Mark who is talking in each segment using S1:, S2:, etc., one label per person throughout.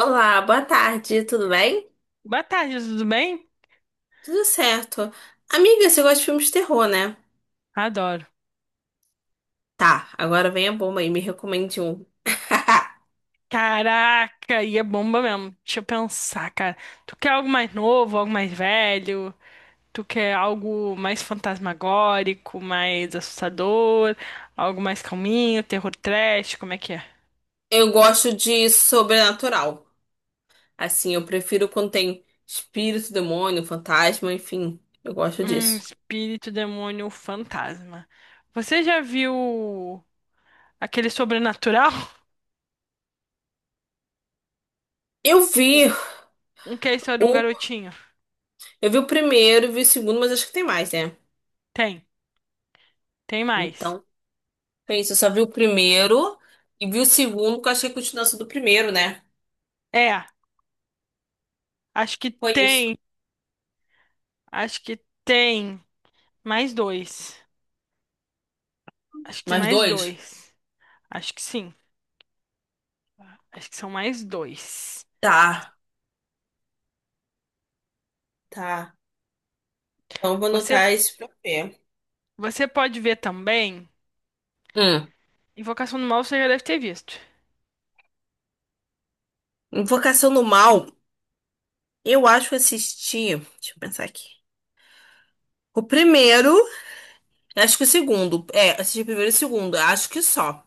S1: Olá, boa tarde, tudo bem?
S2: Boa tarde, tudo bem?
S1: Tudo certo. Amiga, você gosta de filmes de terror, né?
S2: Adoro.
S1: Tá, agora vem a bomba aí, me recomende um.
S2: Caraca, e é bomba mesmo. Deixa eu pensar, cara. Tu quer algo mais novo, algo mais velho? Tu quer algo mais fantasmagórico, mais assustador? Algo mais calminho, terror trash? Como é que é?
S1: Eu gosto de sobrenatural. Assim, eu prefiro quando tem espírito, demônio, fantasma, enfim, eu gosto disso.
S2: Espírito, demônio, fantasma. Você já viu aquele sobrenatural?
S1: Eu vi
S2: Um que é a história de um
S1: o,
S2: garotinho?
S1: eu vi o primeiro, vi o segundo, mas acho que tem mais, né?
S2: Tem, tem mais.
S1: Então, foi isso, eu só vi o primeiro e vi o segundo, porque eu achei a continuação do primeiro, né?
S2: É, acho que
S1: Foi isso.
S2: tem, acho que tem. Mais dois. Acho que tem
S1: Mais
S2: mais
S1: dois?
S2: dois. Acho que sim. Acho que são mais dois.
S1: Tá, tá. Então, vou
S2: Você,
S1: anotar esse pra ver.
S2: você pode ver também.
S1: Hum,
S2: Invocação do Mal você já deve ter visto.
S1: Invocação do Mal, eu acho que assisti. Deixa eu pensar aqui. O primeiro, acho que o segundo. É, assisti o primeiro e o segundo. Acho que só.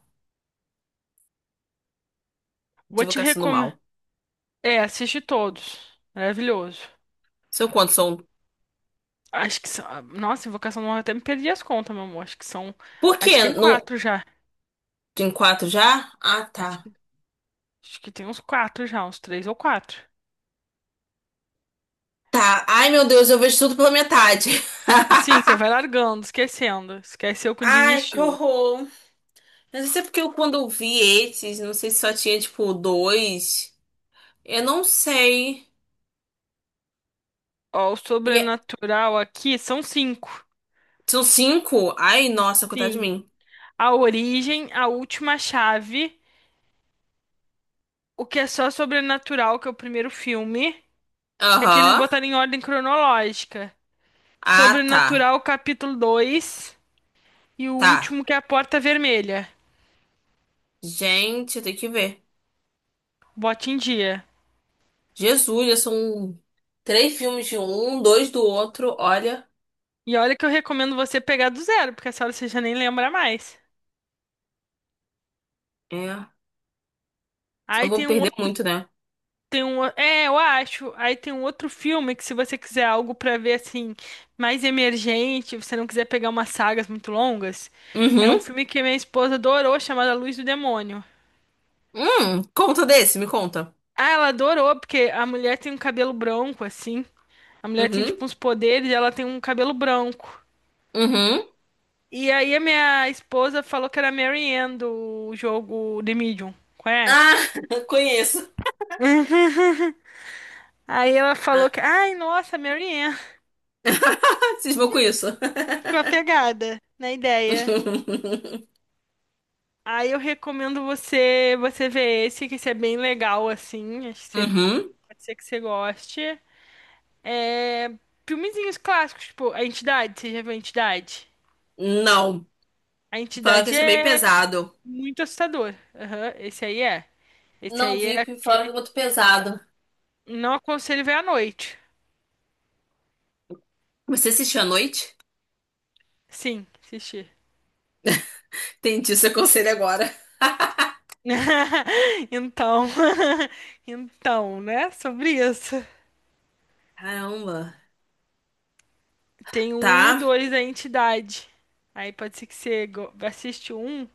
S1: De
S2: Vou te
S1: Invocação do
S2: recomendar.
S1: Mal.
S2: É, assiste todos. Maravilhoso.
S1: São quantos? São.
S2: Acho que são. Nossa, Invocação do Mal eu até me perdi as contas, meu amor. Acho que são.
S1: Por
S2: Acho que
S1: quê?
S2: tem
S1: Não...
S2: quatro já.
S1: Tem 4 já? Ah,
S2: Acho
S1: tá.
S2: que, acho que tem uns quatro já, uns três ou quatro.
S1: Tá. Ai, meu Deus, eu vejo tudo pela metade.
S2: Sim, você vai largando, esquecendo. Esqueceu quando
S1: Ai, que
S2: desistiu.
S1: horror. Mas isso é porque eu, quando eu vi esses, não sei se só tinha, tipo, 2. Eu não sei.
S2: Ó, o
S1: E é-
S2: sobrenatural aqui são cinco.
S1: São 5? Ai, nossa, coitado de
S2: Sim.
S1: mim.
S2: A Origem, A Última Chave, o que é só Sobrenatural, que é o primeiro filme, que aqui eles
S1: Aham.
S2: botaram em ordem cronológica.
S1: Ah, tá.
S2: Sobrenatural, capítulo 2 e o
S1: Tá.
S2: último, que é A Porta Vermelha.
S1: Gente, tem que ver.
S2: Bote em dia.
S1: Jesus, já são 3 filmes de um, 2 do outro. Olha,
S2: E olha que eu recomendo você pegar do zero, porque essa hora você já nem lembra mais.
S1: é. Não
S2: Aí
S1: vão
S2: tem um
S1: perder
S2: outro.
S1: muito, né?
S2: Tem um, é, eu acho. Aí tem um outro filme que, se você quiser algo pra ver assim mais emergente, você não quiser pegar umas sagas muito longas, é um
S1: Uhum.
S2: filme que minha esposa adorou, chamado A Luz do Demônio.
S1: Conta desse, me conta.
S2: Ah, ela adorou porque a mulher tem um cabelo branco assim. A mulher tem
S1: Uhum.
S2: tipo uns poderes, e ela tem um cabelo branco.
S1: Uhum.
S2: E aí a minha esposa falou que era a Mary Ann do jogo The Medium. Conhece?
S1: Ah, conheço.
S2: Uhum. Aí ela falou
S1: Ah.
S2: que, ai, nossa, Mary Ann.
S1: Cismou com isso.
S2: Ficou apegada na ideia. Aí eu recomendo você ver esse, que esse é bem legal, assim. Acho que você,
S1: Uhum.
S2: pode ser que você goste. Filmezinhos clássicos, tipo A Entidade. Você já viu A Entidade?
S1: Não.
S2: A
S1: Fala que
S2: Entidade
S1: isso é bem
S2: é
S1: pesado.
S2: muito assustador. Aham, esse aí é. Esse
S1: Não
S2: aí
S1: vi,
S2: é
S1: porque falaram que é
S2: aquele...
S1: muito pesado.
S2: Não aconselho ver à noite.
S1: Você assistiu à noite?
S2: Sim, assistir.
S1: Entendi seu conselho agora.
S2: Então, então, né? Sobre isso.
S1: Caramba.
S2: Tem o um e o
S1: Tá,
S2: dois da entidade. Aí pode ser que você assiste o um,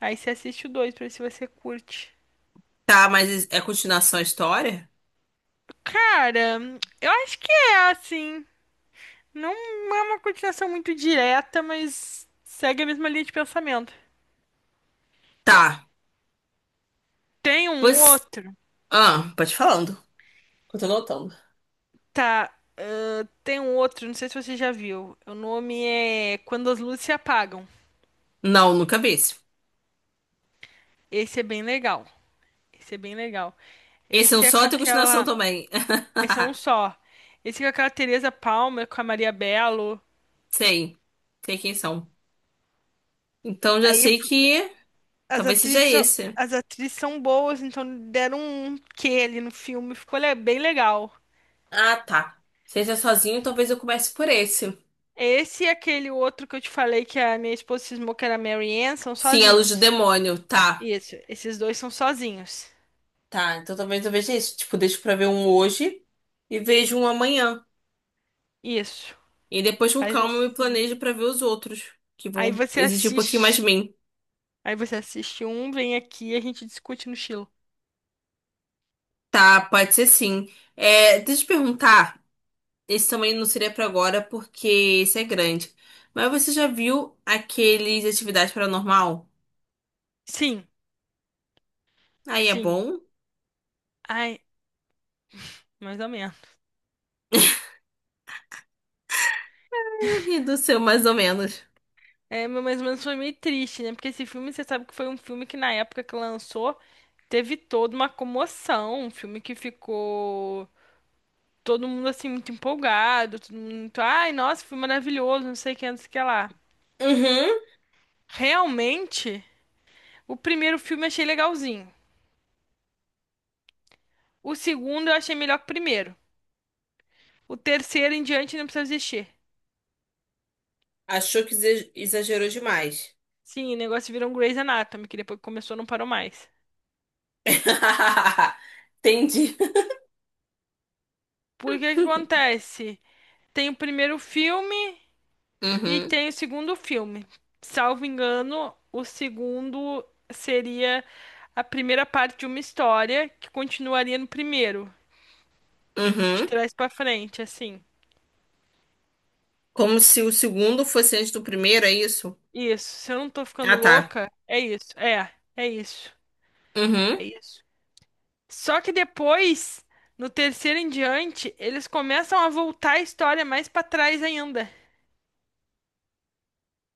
S2: aí você assiste o dois pra ver se você curte.
S1: tá, mas é continuação a história?
S2: Cara, eu acho que é assim. Não é uma continuação muito direta, mas segue a mesma linha de pensamento.
S1: Tá,
S2: Tem um
S1: pois.
S2: outro,
S1: Ah, pode falando. Eu tô notando.
S2: tá? Ah, tem um outro, não sei se você já viu. O nome é Quando as Luzes Se Apagam.
S1: Não, nunca vi esse.
S2: Esse é bem legal. Esse é bem legal.
S1: Esse é um
S2: Esse é com
S1: só, tem continuação
S2: aquela.
S1: também?
S2: Esse é um só. Esse é com aquela Teresa Palmer, com a Maria Bello.
S1: Sei. Sei quem são. Então já
S2: Aí
S1: sei que
S2: as
S1: talvez
S2: atrizes
S1: seja
S2: são,
S1: esse.
S2: as atrizes são boas, então deram um quê ali no filme. Ficou bem legal.
S1: Ah, tá. Se esse é sozinho, talvez eu comece por esse.
S2: Esse e aquele outro que eu te falei que a minha esposa cismou que era Mary Ann são
S1: Sim, é a luz do
S2: sozinhos.
S1: demônio. Tá.
S2: Isso, esses dois são sozinhos.
S1: Tá, então talvez eu veja esse. Tipo, deixo pra ver um hoje e vejo um amanhã.
S2: Isso,
S1: E depois com
S2: faz
S1: calma eu me
S2: assim.
S1: planejo pra ver os outros, que
S2: Aí
S1: vão
S2: você
S1: exigir um pouquinho mais de
S2: assiste.
S1: mim.
S2: Aí você assiste um, vem aqui e a gente discute no estilo.
S1: Tá, pode ser sim. É, deixa eu te perguntar. Esse também não seria pra agora, porque esse é grande. Mas você já viu aqueles Atividade Paranormal?
S2: Sim,
S1: Aí é
S2: sim.
S1: bom.
S2: Ai, mais ou menos.
S1: Aí eu ri do seu, mais ou menos.
S2: É, mas mais ou menos foi meio triste, né? Porque esse filme, você sabe que foi um filme que na época que lançou, teve toda uma comoção. Um filme que ficou todo mundo assim muito empolgado, todo mundo muito, ai, nossa, foi maravilhoso, não sei o que, não sei o que lá.
S1: Uhum.
S2: Realmente, o primeiro filme eu achei legalzinho. O segundo eu achei melhor que o primeiro. O terceiro em diante não precisa existir.
S1: Achou que exagerou demais.
S2: Sim, o negócio virou um Grey's Anatomy, que depois que começou não parou mais.
S1: Entendi.
S2: Por que que acontece? Tem o primeiro filme e
S1: Uhum,
S2: tem o segundo filme. Salvo engano, o segundo seria a primeira parte de uma história que continuaria no primeiro, de
S1: uhum.
S2: trás pra frente, assim.
S1: Como se o segundo fosse antes do primeiro, é isso?
S2: Isso, se eu não tô ficando
S1: Ah, tá.
S2: louca, é isso. É, é isso.
S1: Uhum,
S2: É isso. Só que depois, no terceiro em diante, eles começam a voltar a história mais pra trás ainda.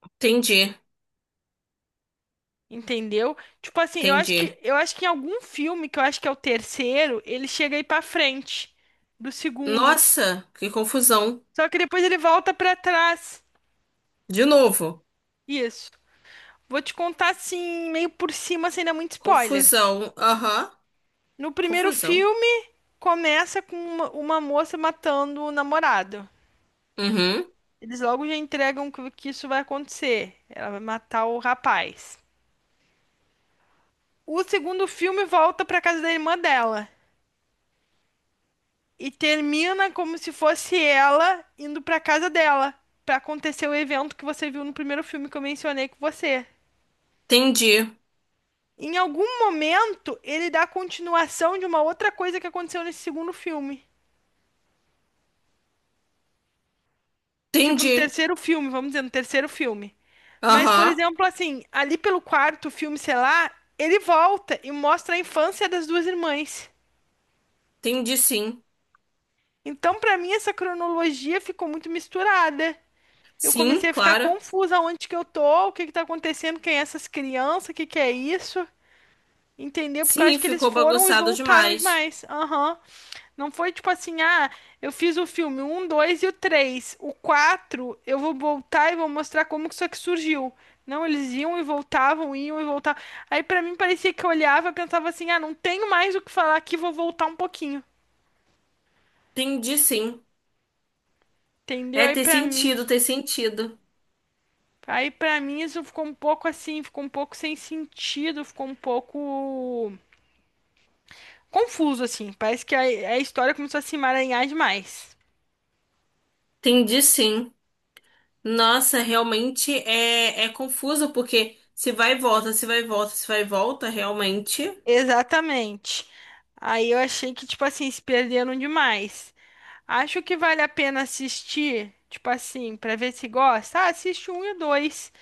S1: entendi,
S2: Entendeu? Tipo assim, eu acho que
S1: entendi.
S2: eu acho que em algum filme que eu acho que é o terceiro, ele chega aí pra frente do segundo.
S1: Nossa, que confusão.
S2: Só que depois ele volta pra trás.
S1: De novo.
S2: Isso. Vou te contar assim, meio por cima, sem dar muito spoiler.
S1: Confusão, aham,
S2: No primeiro
S1: confusão.
S2: filme, começa com uma moça matando o namorado.
S1: Uhum,
S2: Eles logo já entregam que isso vai acontecer. Ela vai matar o rapaz. O segundo filme volta pra casa da irmã dela e termina como se fosse ela indo pra casa dela pra acontecer o evento que você viu no primeiro filme que eu mencionei com você.
S1: entendi.
S2: Em algum momento, ele dá continuação de uma outra coisa que aconteceu nesse segundo filme. Tipo, no
S1: Entendi.
S2: terceiro filme, vamos dizer, no terceiro filme. Mas, por
S1: Aham.
S2: exemplo, assim, ali pelo quarto filme, sei lá, ele volta e mostra a infância das duas irmãs.
S1: Entendi sim.
S2: Então, pra mim, essa cronologia ficou muito misturada. Eu
S1: Sim,
S2: comecei a ficar
S1: claro.
S2: confusa onde que eu tô, o que que tá acontecendo, quem é essas crianças, o que que é isso? Entendeu? Porque eu
S1: Sim,
S2: acho que eles
S1: ficou
S2: foram e
S1: bagunçado
S2: voltaram
S1: demais.
S2: demais. Aham. Não foi tipo assim, ah, eu fiz o filme um, 2 e o três. O 4, eu vou voltar e vou mostrar como que isso aqui surgiu. Não, eles iam e voltavam, iam e voltavam. Aí pra mim parecia que eu olhava e pensava assim, ah, não tenho mais o que falar aqui, vou voltar um pouquinho.
S1: Entendi sim.
S2: Entendeu?
S1: É, tem sentido, tem sentido.
S2: Aí pra mim isso ficou um pouco assim, ficou um pouco sem sentido, ficou um pouco confuso assim. Parece que a história começou a se emaranhar demais.
S1: Entendi sim. Nossa, realmente é, é confuso, porque se vai e volta, se vai e volta, se vai e volta, realmente.
S2: Exatamente. Aí eu achei que tipo assim, se perderam demais. Acho que vale a pena assistir, tipo assim, pra ver se gosta. Ah, assiste um e o dois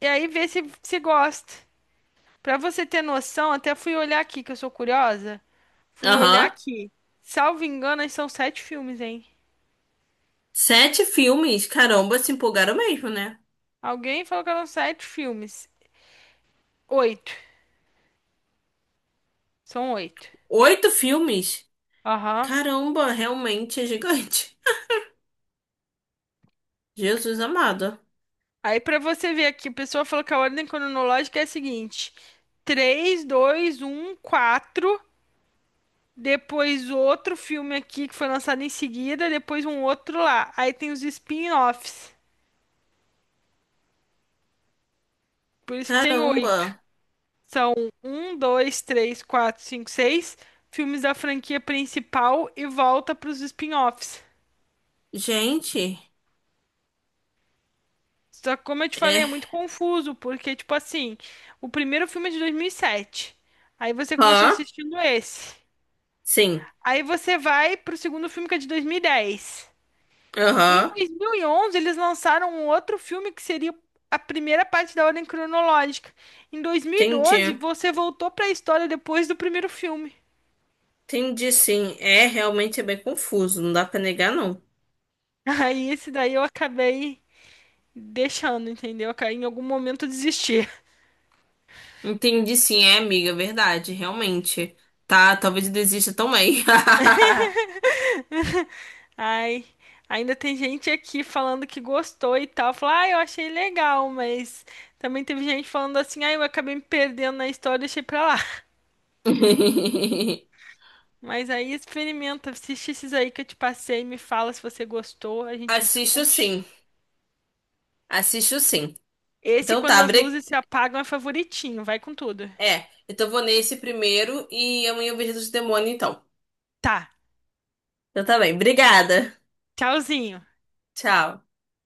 S2: e aí vê se gosta. Pra você ter noção, até fui olhar aqui que eu sou curiosa. Fui olhar
S1: Aham.
S2: aqui. Salvo engano, são sete filmes, hein?
S1: 7 filmes. Caramba, se empolgaram mesmo, né?
S2: Alguém falou que eram sete filmes. Oito. São oito.
S1: 8 filmes.
S2: Aham.
S1: Caramba, realmente é gigante. Jesus amado.
S2: Aí pra você ver aqui, a pessoa falou que a ordem cronológica é a seguinte: três, dois, um, quatro. Depois outro filme aqui que foi lançado em seguida. Depois um outro lá. Aí tem os spin-offs. Por isso que tem oito.
S1: Caramba.
S2: São um, dois, três, quatro, cinco, seis filmes da franquia principal e volta pros spin-offs.
S1: Gente.
S2: Só que, como eu te falei, é
S1: É.
S2: muito confuso, porque, tipo assim, o primeiro filme é de 2007. Aí você começou
S1: Hã?
S2: assistindo esse.
S1: Sim.
S2: Aí você vai pro segundo filme que é de 2010. Em
S1: Aham.
S2: 2011, eles lançaram um outro filme que seria a primeira parte da ordem cronológica. Em 2012,
S1: Entendi.
S2: você voltou pra história depois do primeiro filme.
S1: Entendi, sim. É realmente é bem confuso, não dá pra negar, não.
S2: Aí esse daí eu acabei deixando, entendeu? Em algum momento eu desisti.
S1: Entendi, sim, é, amiga, verdade, realmente. Tá, talvez eu desista também.
S2: Ai, ainda tem gente aqui falando que gostou e tal. Falar, ah, eu achei legal, mas também teve gente falando assim, ah, eu acabei me perdendo na história, deixei pra lá. Mas aí experimenta, assiste esses aí que eu te passei, me fala se você gostou, a gente
S1: Assisto sim,
S2: discute.
S1: assisto sim.
S2: Esse,
S1: Então
S2: quando
S1: tá,
S2: as
S1: bre...
S2: luzes se apagam, é favoritinho, vai com tudo.
S1: é, então vou nesse primeiro e amanhã eu vejo os demônios então.
S2: Tá,
S1: Então tá bem, obrigada.
S2: tchauzinho.
S1: Tchau.